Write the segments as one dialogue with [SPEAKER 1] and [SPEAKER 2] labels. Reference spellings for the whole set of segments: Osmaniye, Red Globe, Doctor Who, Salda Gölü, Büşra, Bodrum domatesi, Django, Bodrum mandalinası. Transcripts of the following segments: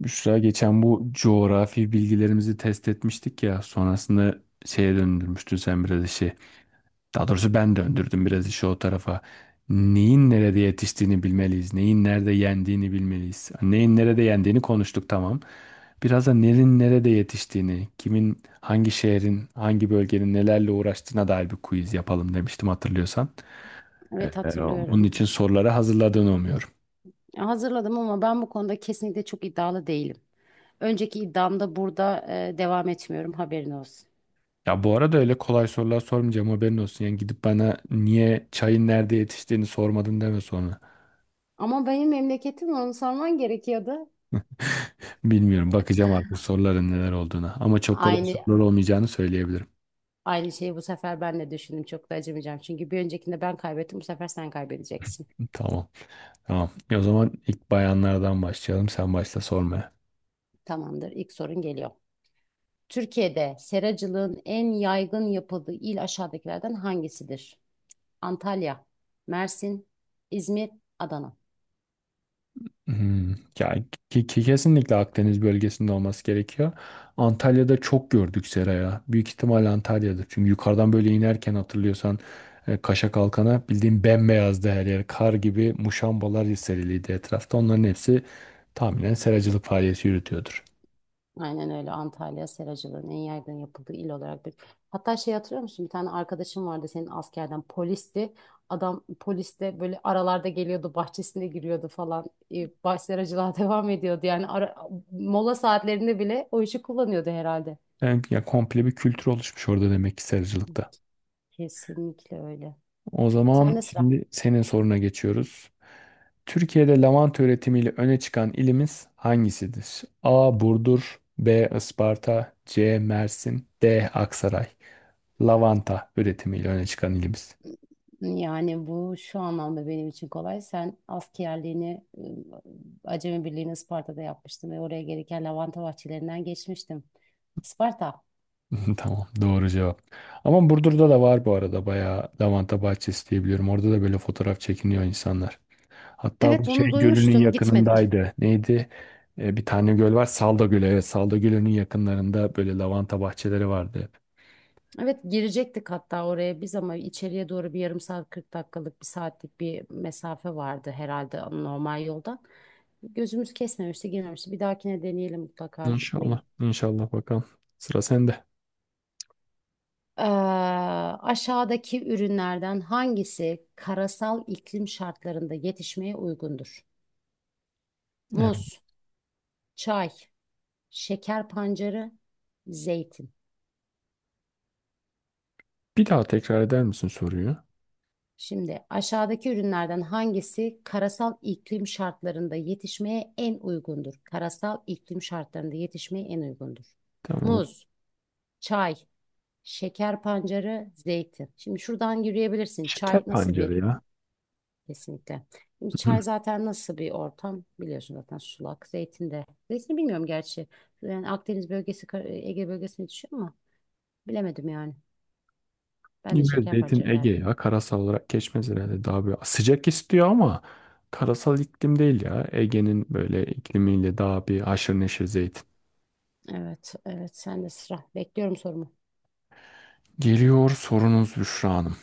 [SPEAKER 1] Büşra geçen bu coğrafi bilgilerimizi test etmiştik ya, sonrasında şeye döndürmüştün sen biraz işi. Daha doğrusu ben döndürdüm biraz işi o tarafa. Neyin nerede yetiştiğini bilmeliyiz. Neyin nerede yendiğini bilmeliyiz. Neyin nerede yendiğini konuştuk, tamam. Biraz da nerin nerede yetiştiğini, kimin, hangi şehrin, hangi bölgenin nelerle uğraştığına dair bir quiz yapalım demiştim, hatırlıyorsan.
[SPEAKER 2] Evet,
[SPEAKER 1] Bunun
[SPEAKER 2] hatırlıyorum.
[SPEAKER 1] için soruları hazırladığını umuyorum.
[SPEAKER 2] Hazırladım ama ben bu konuda kesinlikle çok iddialı değilim. Önceki iddiamda burada devam etmiyorum, haberin olsun.
[SPEAKER 1] Ya bu arada öyle kolay sorular sormayacağım, haberin olsun. Yani gidip bana niye çayın nerede yetiştiğini sormadın deme sonra.
[SPEAKER 2] Ama benim memleketim, onu sorman gerekiyordu.
[SPEAKER 1] Bilmiyorum, bakacağım artık soruların neler olduğuna. Ama çok kolay
[SPEAKER 2] Aynı
[SPEAKER 1] sorular olmayacağını söyleyebilirim.
[SPEAKER 2] aynı şeyi bu sefer ben de düşündüm. Çok da acımayacağım. Çünkü bir öncekinde ben kaybettim. Bu sefer sen kaybedeceksin.
[SPEAKER 1] Tamam. Tamam. O zaman ilk bayanlardan başlayalım. Sen başla sormaya.
[SPEAKER 2] Tamamdır. İlk sorun geliyor. Türkiye'de seracılığın en yaygın yapıldığı il aşağıdakilerden hangisidir? Antalya, Mersin, İzmir, Adana.
[SPEAKER 1] Hmm, ya kesinlikle Akdeniz bölgesinde olması gerekiyor. Antalya'da çok gördük seraya. Büyük ihtimal Antalya'dır. Çünkü yukarıdan böyle inerken, hatırlıyorsan, Kaşa Kalkan'a bildiğin bembeyazdı her yer. Kar gibi muşambalar seriliydi etrafta. Onların hepsi tahminen seracılık faaliyeti yürütüyordur.
[SPEAKER 2] Aynen öyle, Antalya seracılığın en yaygın yapıldığı il olarak bir. Hatta şey, hatırlıyor musun? Bir tane arkadaşım vardı senin askerden, polisti. Adam poliste böyle aralarda geliyordu, bahçesine giriyordu falan. Baş seracılığa devam ediyordu. Yani ara, mola saatlerinde bile o işi kullanıyordu herhalde.
[SPEAKER 1] Yani, ya, komple bir kültür oluşmuş orada demek ki seracılıkta.
[SPEAKER 2] Kesinlikle öyle.
[SPEAKER 1] O zaman
[SPEAKER 2] Sen de sıra.
[SPEAKER 1] şimdi senin soruna geçiyoruz. Türkiye'de lavanta üretimiyle öne çıkan ilimiz hangisidir? A. Burdur, B. Isparta, C. Mersin, D. Aksaray. Lavanta üretimiyle öne çıkan ilimiz.
[SPEAKER 2] Yani bu şu anlamda benim için kolay. Sen askerliğini Acemi Birliği'ni Isparta'da yapmıştın ve oraya gereken lavanta bahçelerinden geçmiştim. Isparta.
[SPEAKER 1] Tamam, doğru cevap. Ama Burdur'da da var bu arada bayağı lavanta bahçesi, diyebiliyorum. Orada da böyle fotoğraf çekiniyor insanlar. Hatta bu
[SPEAKER 2] Evet,
[SPEAKER 1] şey
[SPEAKER 2] onu
[SPEAKER 1] gölünün
[SPEAKER 2] duymuştum. Gitmedik.
[SPEAKER 1] yakınındaydı. Neydi? Bir tane göl var. Salda Gölü. Evet, Salda Gölü'nün yakınlarında böyle lavanta bahçeleri vardı hep.
[SPEAKER 2] Evet, girecektik hatta oraya biz ama içeriye doğru bir yarım saat, 40 dakikalık, bir saatlik bir mesafe vardı herhalde normal yoldan. Gözümüz kesmemişti, girmemişti. Bir dahakine deneyelim mutlaka gitmeyi.
[SPEAKER 1] İnşallah. İnşallah, bakalım. Sıra sende.
[SPEAKER 2] Ee, aşağıdaki ürünlerden hangisi karasal iklim şartlarında yetişmeye uygundur?
[SPEAKER 1] Evet.
[SPEAKER 2] Muz, çay, şeker pancarı, zeytin.
[SPEAKER 1] Bir daha tekrar eder misin soruyu?
[SPEAKER 2] Şimdi aşağıdaki ürünlerden hangisi karasal iklim şartlarında yetişmeye en uygundur? Karasal iklim şartlarında yetişmeye en uygundur.
[SPEAKER 1] Tamam.
[SPEAKER 2] Muz, çay, şeker pancarı, zeytin. Şimdi şuradan yürüyebilirsin.
[SPEAKER 1] Şeker
[SPEAKER 2] Çay nasıl
[SPEAKER 1] pancarı
[SPEAKER 2] bir?
[SPEAKER 1] ya.
[SPEAKER 2] Kesinlikle. Şimdi
[SPEAKER 1] Hı.
[SPEAKER 2] çay zaten nasıl bir ortam? Biliyorsun zaten sulak. Zeytin de. Zeytini bilmiyorum gerçi. Yani Akdeniz bölgesi, Ege bölgesine düşüyor ama bilemedim yani. Ben de
[SPEAKER 1] Yine
[SPEAKER 2] şeker
[SPEAKER 1] zeytin
[SPEAKER 2] pancarı
[SPEAKER 1] Ege
[SPEAKER 2] derdim.
[SPEAKER 1] ya. Karasal olarak geçmez herhalde. Daha böyle sıcak istiyor ama karasal iklim değil ya. Ege'nin böyle iklimiyle daha bir haşır neşir zeytin.
[SPEAKER 2] Evet, evet, sen de sıra. Bekliyorum sorumu.
[SPEAKER 1] Geliyor sorunuz Büşra Hanım.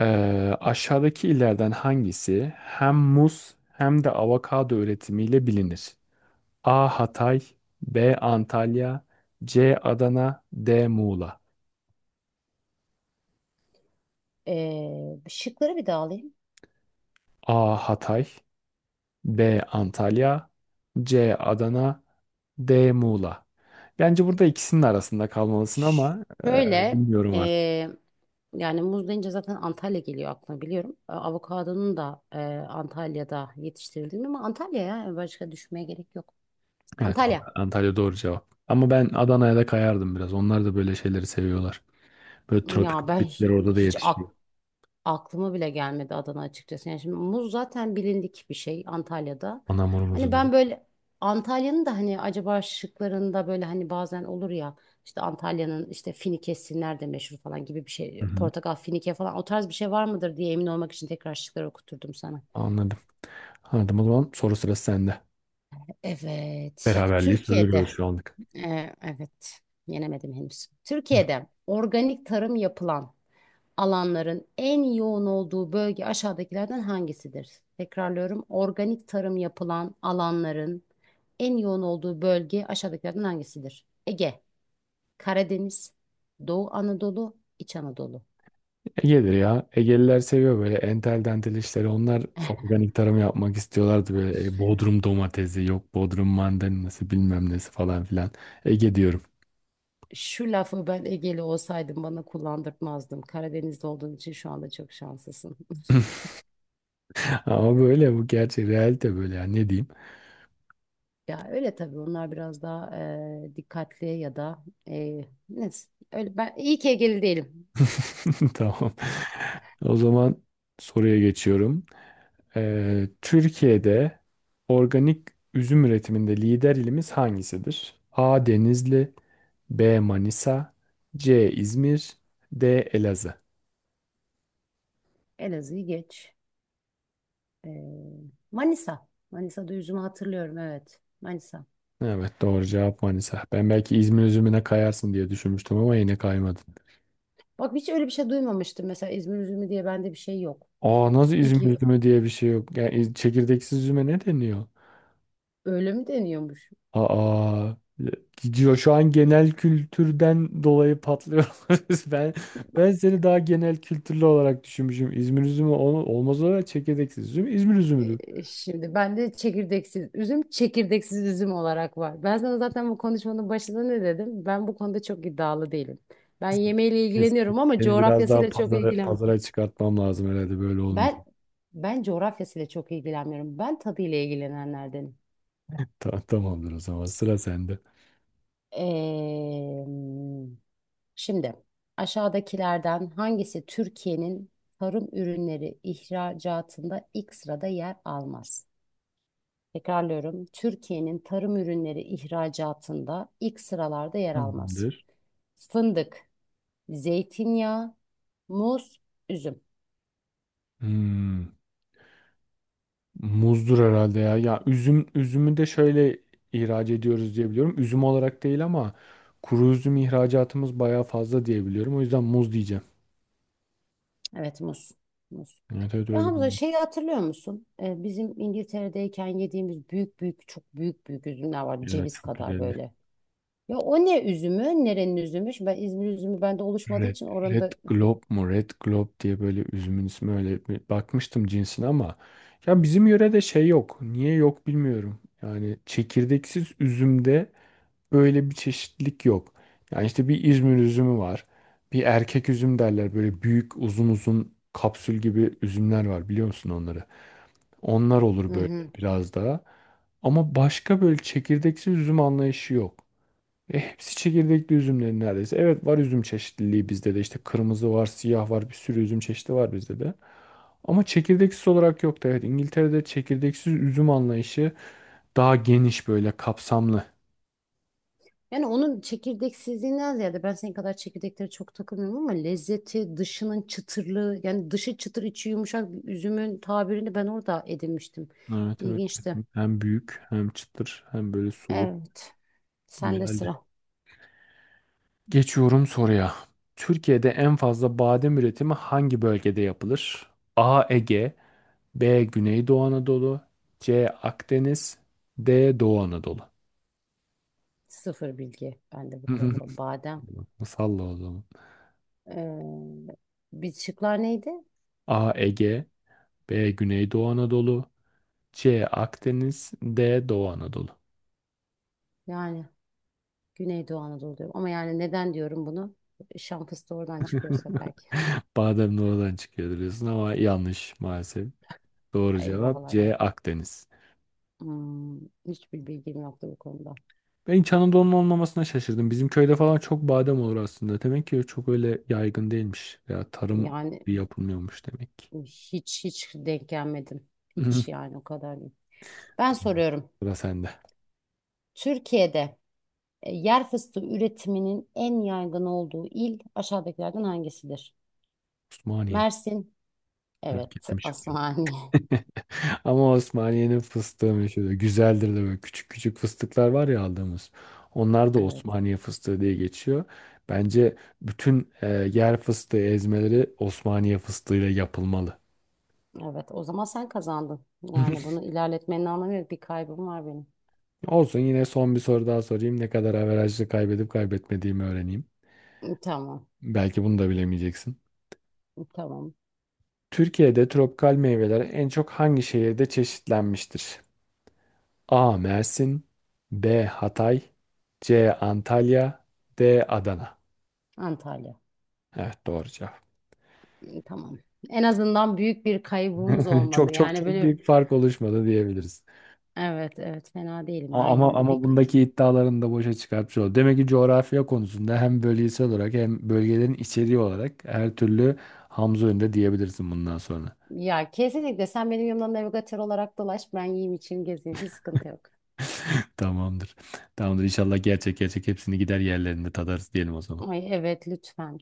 [SPEAKER 1] Ee, aşağıdaki illerden hangisi hem muz hem de avokado üretimiyle bilinir? A. Hatay, B. Antalya, C. Adana, D. Muğla.
[SPEAKER 2] Şıkları bir daha alayım.
[SPEAKER 1] A. Hatay, B. Antalya, C. Adana, D. Muğla. Bence burada ikisinin arasında kalmalısın ama
[SPEAKER 2] Şöyle,
[SPEAKER 1] bilmiyorum artık.
[SPEAKER 2] ee, yani muz deyince zaten Antalya geliyor aklıma, biliyorum. Avokadonun da Antalya'da yetiştirildiğini, ama Antalya ya başka düşmeye gerek yok.
[SPEAKER 1] Evet,
[SPEAKER 2] Antalya.
[SPEAKER 1] Antalya doğru cevap. Ama ben Adana'ya da kayardım biraz. Onlar da böyle şeyleri seviyorlar. Böyle
[SPEAKER 2] Ya
[SPEAKER 1] tropik
[SPEAKER 2] ben
[SPEAKER 1] bitkiler
[SPEAKER 2] hi-
[SPEAKER 1] orada da
[SPEAKER 2] hiç
[SPEAKER 1] yetişiyor.
[SPEAKER 2] aklıma bile gelmedi Adana açıkçası. Yani şimdi muz zaten bilindik bir şey Antalya'da.
[SPEAKER 1] Anamurumuzu
[SPEAKER 2] Hani
[SPEAKER 1] diyor.
[SPEAKER 2] ben böyle Antalya'nın da, hani acaba şıklarında böyle, hani bazen olur ya, işte Antalya'nın işte finikesi nerede meşhur falan gibi bir
[SPEAKER 1] Hı
[SPEAKER 2] şey.
[SPEAKER 1] hı.
[SPEAKER 2] Portakal, finike falan, o tarz bir şey var mıdır diye emin olmak için tekrar şıkları okuturdum sana.
[SPEAKER 1] Anladım. Anladım, o zaman soru sırası sende.
[SPEAKER 2] Evet.
[SPEAKER 1] Beraberliği
[SPEAKER 2] Türkiye'de
[SPEAKER 1] sürdürüyoruz şu anlık.
[SPEAKER 2] evet, yenemedim henüz. Türkiye'de organik tarım yapılan alanların en yoğun olduğu bölge aşağıdakilerden hangisidir? Tekrarlıyorum. Organik tarım yapılan alanların en yoğun olduğu bölge aşağıdakilerden hangisidir? Ege, Karadeniz, Doğu Anadolu, İç Anadolu.
[SPEAKER 1] Ege'dir ya. Egeliler seviyor böyle entel dantel işleri. Onlar organik tarım yapmak istiyorlardı böyle, Bodrum domatesi, yok Bodrum mandalinası, bilmem nesi falan filan. Ege diyorum.
[SPEAKER 2] Şu lafı ben Egeli olsaydım bana kullandırtmazdım. Karadeniz'de olduğun için şu anda çok şanslısın.
[SPEAKER 1] Ama böyle bu gerçek, realite böyle ya, ne diyeyim.
[SPEAKER 2] Ya öyle tabii, onlar biraz daha dikkatli ya da neyse. Öyle, ben iyi ki Egeli değilim.
[SPEAKER 1] Tamam. O zaman soruya geçiyorum. Türkiye'de organik üzüm üretiminde lider ilimiz hangisidir? A. Denizli, B. Manisa, C. İzmir, D. Elazığ.
[SPEAKER 2] Elazığ'ı geç. Ee, Manisa. Manisa'da üzümü hatırlıyorum, evet. Manisa.
[SPEAKER 1] Evet, doğru cevap Manisa. Ben belki İzmir üzümüne kayarsın diye düşünmüştüm ama yine kaymadın.
[SPEAKER 2] Bak, hiç öyle bir şey duymamıştım. Mesela İzmir üzümü diye bende bir şey yok.
[SPEAKER 1] Aa, nasıl
[SPEAKER 2] İyi
[SPEAKER 1] İzmir
[SPEAKER 2] ki,
[SPEAKER 1] üzümü diye bir şey yok. Yani çekirdeksiz üzüme ne deniyor?
[SPEAKER 2] öyle mi deniyormuş?
[SPEAKER 1] Aa, gidiyor şu an, genel kültürden dolayı patlıyoruz. Ben seni daha genel kültürlü olarak düşünmüşüm. İzmir üzümü olmaz olarak, çekirdeksiz üzüm İzmir üzümüdür.
[SPEAKER 2] Şimdi bende çekirdeksiz üzüm, çekirdeksiz üzüm olarak var. Ben sana zaten bu konuşmanın başında ne dedim? Ben bu konuda çok iddialı değilim. Ben yemeğiyle
[SPEAKER 1] Neyse,
[SPEAKER 2] ilgileniyorum ama
[SPEAKER 1] seni biraz daha
[SPEAKER 2] coğrafyasıyla çok
[SPEAKER 1] pazara,
[SPEAKER 2] ilgilen.
[SPEAKER 1] pazara çıkartmam lazım herhalde, böyle
[SPEAKER 2] Ben
[SPEAKER 1] olmayacak.
[SPEAKER 2] ben coğrafyasıyla çok ilgilenmiyorum. Ben tadıyla ilgilenenlerdenim.
[SPEAKER 1] Tamamdır, o zaman sıra sende.
[SPEAKER 2] Ee, şimdi aşağıdakilerden hangisi Türkiye'nin tarım ürünleri ihracatında ilk sırada yer almaz? Tekrarlıyorum. Türkiye'nin tarım ürünleri ihracatında ilk sıralarda yer almaz.
[SPEAKER 1] Tamamdır.
[SPEAKER 2] Fındık, zeytinyağı, muz, üzüm.
[SPEAKER 1] Hmm. Muzdur herhalde ya. Ya üzüm, üzümü de şöyle ihraç ediyoruz diye biliyorum. Üzüm olarak değil ama kuru üzüm ihracatımız bayağı fazla diye biliyorum. O yüzden muz diyeceğim.
[SPEAKER 2] Evet, muz. Muz.
[SPEAKER 1] Evet, evet,
[SPEAKER 2] Ya
[SPEAKER 1] öyle
[SPEAKER 2] Hamza,
[SPEAKER 1] oldu.
[SPEAKER 2] şeyi hatırlıyor musun? Bizim İngiltere'deyken yediğimiz büyük büyük, çok büyük büyük üzümler var.
[SPEAKER 1] Evet,
[SPEAKER 2] Ceviz
[SPEAKER 1] çok
[SPEAKER 2] kadar
[SPEAKER 1] güzeldi.
[SPEAKER 2] böyle. Ya o ne üzümü? Nerenin üzümü? Şimdi ben İzmir üzümü bende oluşmadığı
[SPEAKER 1] Red,
[SPEAKER 2] için
[SPEAKER 1] Red
[SPEAKER 2] orada...
[SPEAKER 1] Globe mu? Red Globe diye, böyle üzümün ismi, öyle bir bakmıştım cinsine ama ya bizim yörede şey yok. Niye yok, bilmiyorum. Yani çekirdeksiz üzümde öyle bir çeşitlilik yok. Yani işte bir İzmir üzümü var. Bir erkek üzüm derler. Böyle büyük, uzun uzun, kapsül gibi üzümler var, biliyor musun onları? Onlar olur
[SPEAKER 2] Hı
[SPEAKER 1] böyle
[SPEAKER 2] hı.
[SPEAKER 1] biraz daha. Ama başka böyle çekirdeksiz üzüm anlayışı yok. E hepsi çekirdekli üzümlerin neredeyse. Evet, var üzüm çeşitliliği bizde de. İşte kırmızı var, siyah var, bir sürü üzüm çeşidi var bizde de. Ama çekirdeksiz olarak yok da, evet, İngiltere'de çekirdeksiz üzüm anlayışı daha geniş, böyle kapsamlı.
[SPEAKER 2] Yani onun çekirdeksizliğinden ziyade, ben senin kadar çekirdeklere çok takılmıyorum ama lezzeti, dışının çıtırlığı, yani dışı çıtır içi yumuşak bir üzümün tabirini ben orada edinmiştim.
[SPEAKER 1] Evet, evet.
[SPEAKER 2] İlginçti.
[SPEAKER 1] Hem büyük, hem çıtır, hem böyle sulu.
[SPEAKER 2] Evet. Sende
[SPEAKER 1] Güzeldi.
[SPEAKER 2] sıra.
[SPEAKER 1] Geçiyorum soruya. Türkiye'de en fazla badem üretimi hangi bölgede yapılır? A. Ege, B. Güneydoğu Anadolu, C. Akdeniz, D. Doğu Anadolu.
[SPEAKER 2] Sıfır bilgi bende bu konuda. Badem.
[SPEAKER 1] Salla o zaman.
[SPEAKER 2] Ee, bir şıklar neydi?
[SPEAKER 1] A. Ege, B. Güneydoğu Anadolu, C. Akdeniz, D. Doğu Anadolu.
[SPEAKER 2] Yani Güneydoğu Anadolu diyorum. Ama yani neden diyorum bunu? Şan fıstığı oradan çıkıyorsa belki.
[SPEAKER 1] Badem doğudan çıkıyor diyorsun ama yanlış maalesef. Doğru cevap
[SPEAKER 2] Eyvahlar.
[SPEAKER 1] C. Akdeniz.
[SPEAKER 2] Hmm, hiçbir bilgim yoktu bu konuda.
[SPEAKER 1] Ben İç Anadolu'nun olmamasına şaşırdım. Bizim köyde falan çok badem olur aslında. Demek ki çok öyle yaygın değilmiş. Veya tarım
[SPEAKER 2] Yani
[SPEAKER 1] bir yapılmıyormuş demek ki.
[SPEAKER 2] hiç denk gelmedim.
[SPEAKER 1] Hı.
[SPEAKER 2] Hiç, yani o kadar değil. Ben
[SPEAKER 1] Tamam.
[SPEAKER 2] soruyorum.
[SPEAKER 1] Sıra sende.
[SPEAKER 2] Türkiye'de yer fıstığı üretiminin en yaygın olduğu il aşağıdakilerden hangisidir?
[SPEAKER 1] Osmaniye.
[SPEAKER 2] Mersin.
[SPEAKER 1] Merak
[SPEAKER 2] Evet.
[SPEAKER 1] ettim şimdi.
[SPEAKER 2] Asmani.
[SPEAKER 1] Ama Osmaniye'nin fıstığı meşhur. Güzeldir de, böyle küçük küçük fıstıklar var ya, aldığımız. Onlar da
[SPEAKER 2] Evet.
[SPEAKER 1] Osmaniye fıstığı diye geçiyor. Bence bütün yer fıstığı ezmeleri Osmaniye fıstığıyla yapılmalı.
[SPEAKER 2] Evet. O zaman sen kazandın. Yani bunu ilerletmenin anlamı yok. Bir kaybım var benim.
[SPEAKER 1] Olsun, yine son bir soru daha sorayım. Ne kadar averajlı kaybedip kaybetmediğimi öğreneyim.
[SPEAKER 2] Tamam.
[SPEAKER 1] Belki bunu da bilemeyeceksin.
[SPEAKER 2] Tamam.
[SPEAKER 1] Türkiye'de tropikal meyveler en çok hangi şehirde çeşitlenmiştir? A. Mersin, B. Hatay, C. Antalya, D. Adana.
[SPEAKER 2] Antalya.
[SPEAKER 1] Evet, doğru cevap.
[SPEAKER 2] Tamam. En azından büyük bir kaybımız olmadı.
[SPEAKER 1] Çok çok
[SPEAKER 2] Yani
[SPEAKER 1] çok
[SPEAKER 2] böyle,
[SPEAKER 1] büyük fark oluşmadı diyebiliriz.
[SPEAKER 2] evet evet, fena değilim ya,
[SPEAKER 1] A- Ama
[SPEAKER 2] yine de bir
[SPEAKER 1] ama
[SPEAKER 2] kal.
[SPEAKER 1] bundaki iddialarını da boşa çıkartmış oldu. Demek ki coğrafya konusunda hem bölgesel olarak hem bölgelerin içeriği olarak her türlü Hamza önünde diyebilirsin bundan sonra.
[SPEAKER 2] Ya kesinlikle, sen benim yanımda navigatör olarak dolaş, ben yiyeyim içeyim gezeyim, hiç sıkıntı yok.
[SPEAKER 1] Tamamdır. Tamamdır. İnşallah gerçek gerçek hepsini gider yerlerinde tadarız diyelim o zaman.
[SPEAKER 2] Ay evet, lütfen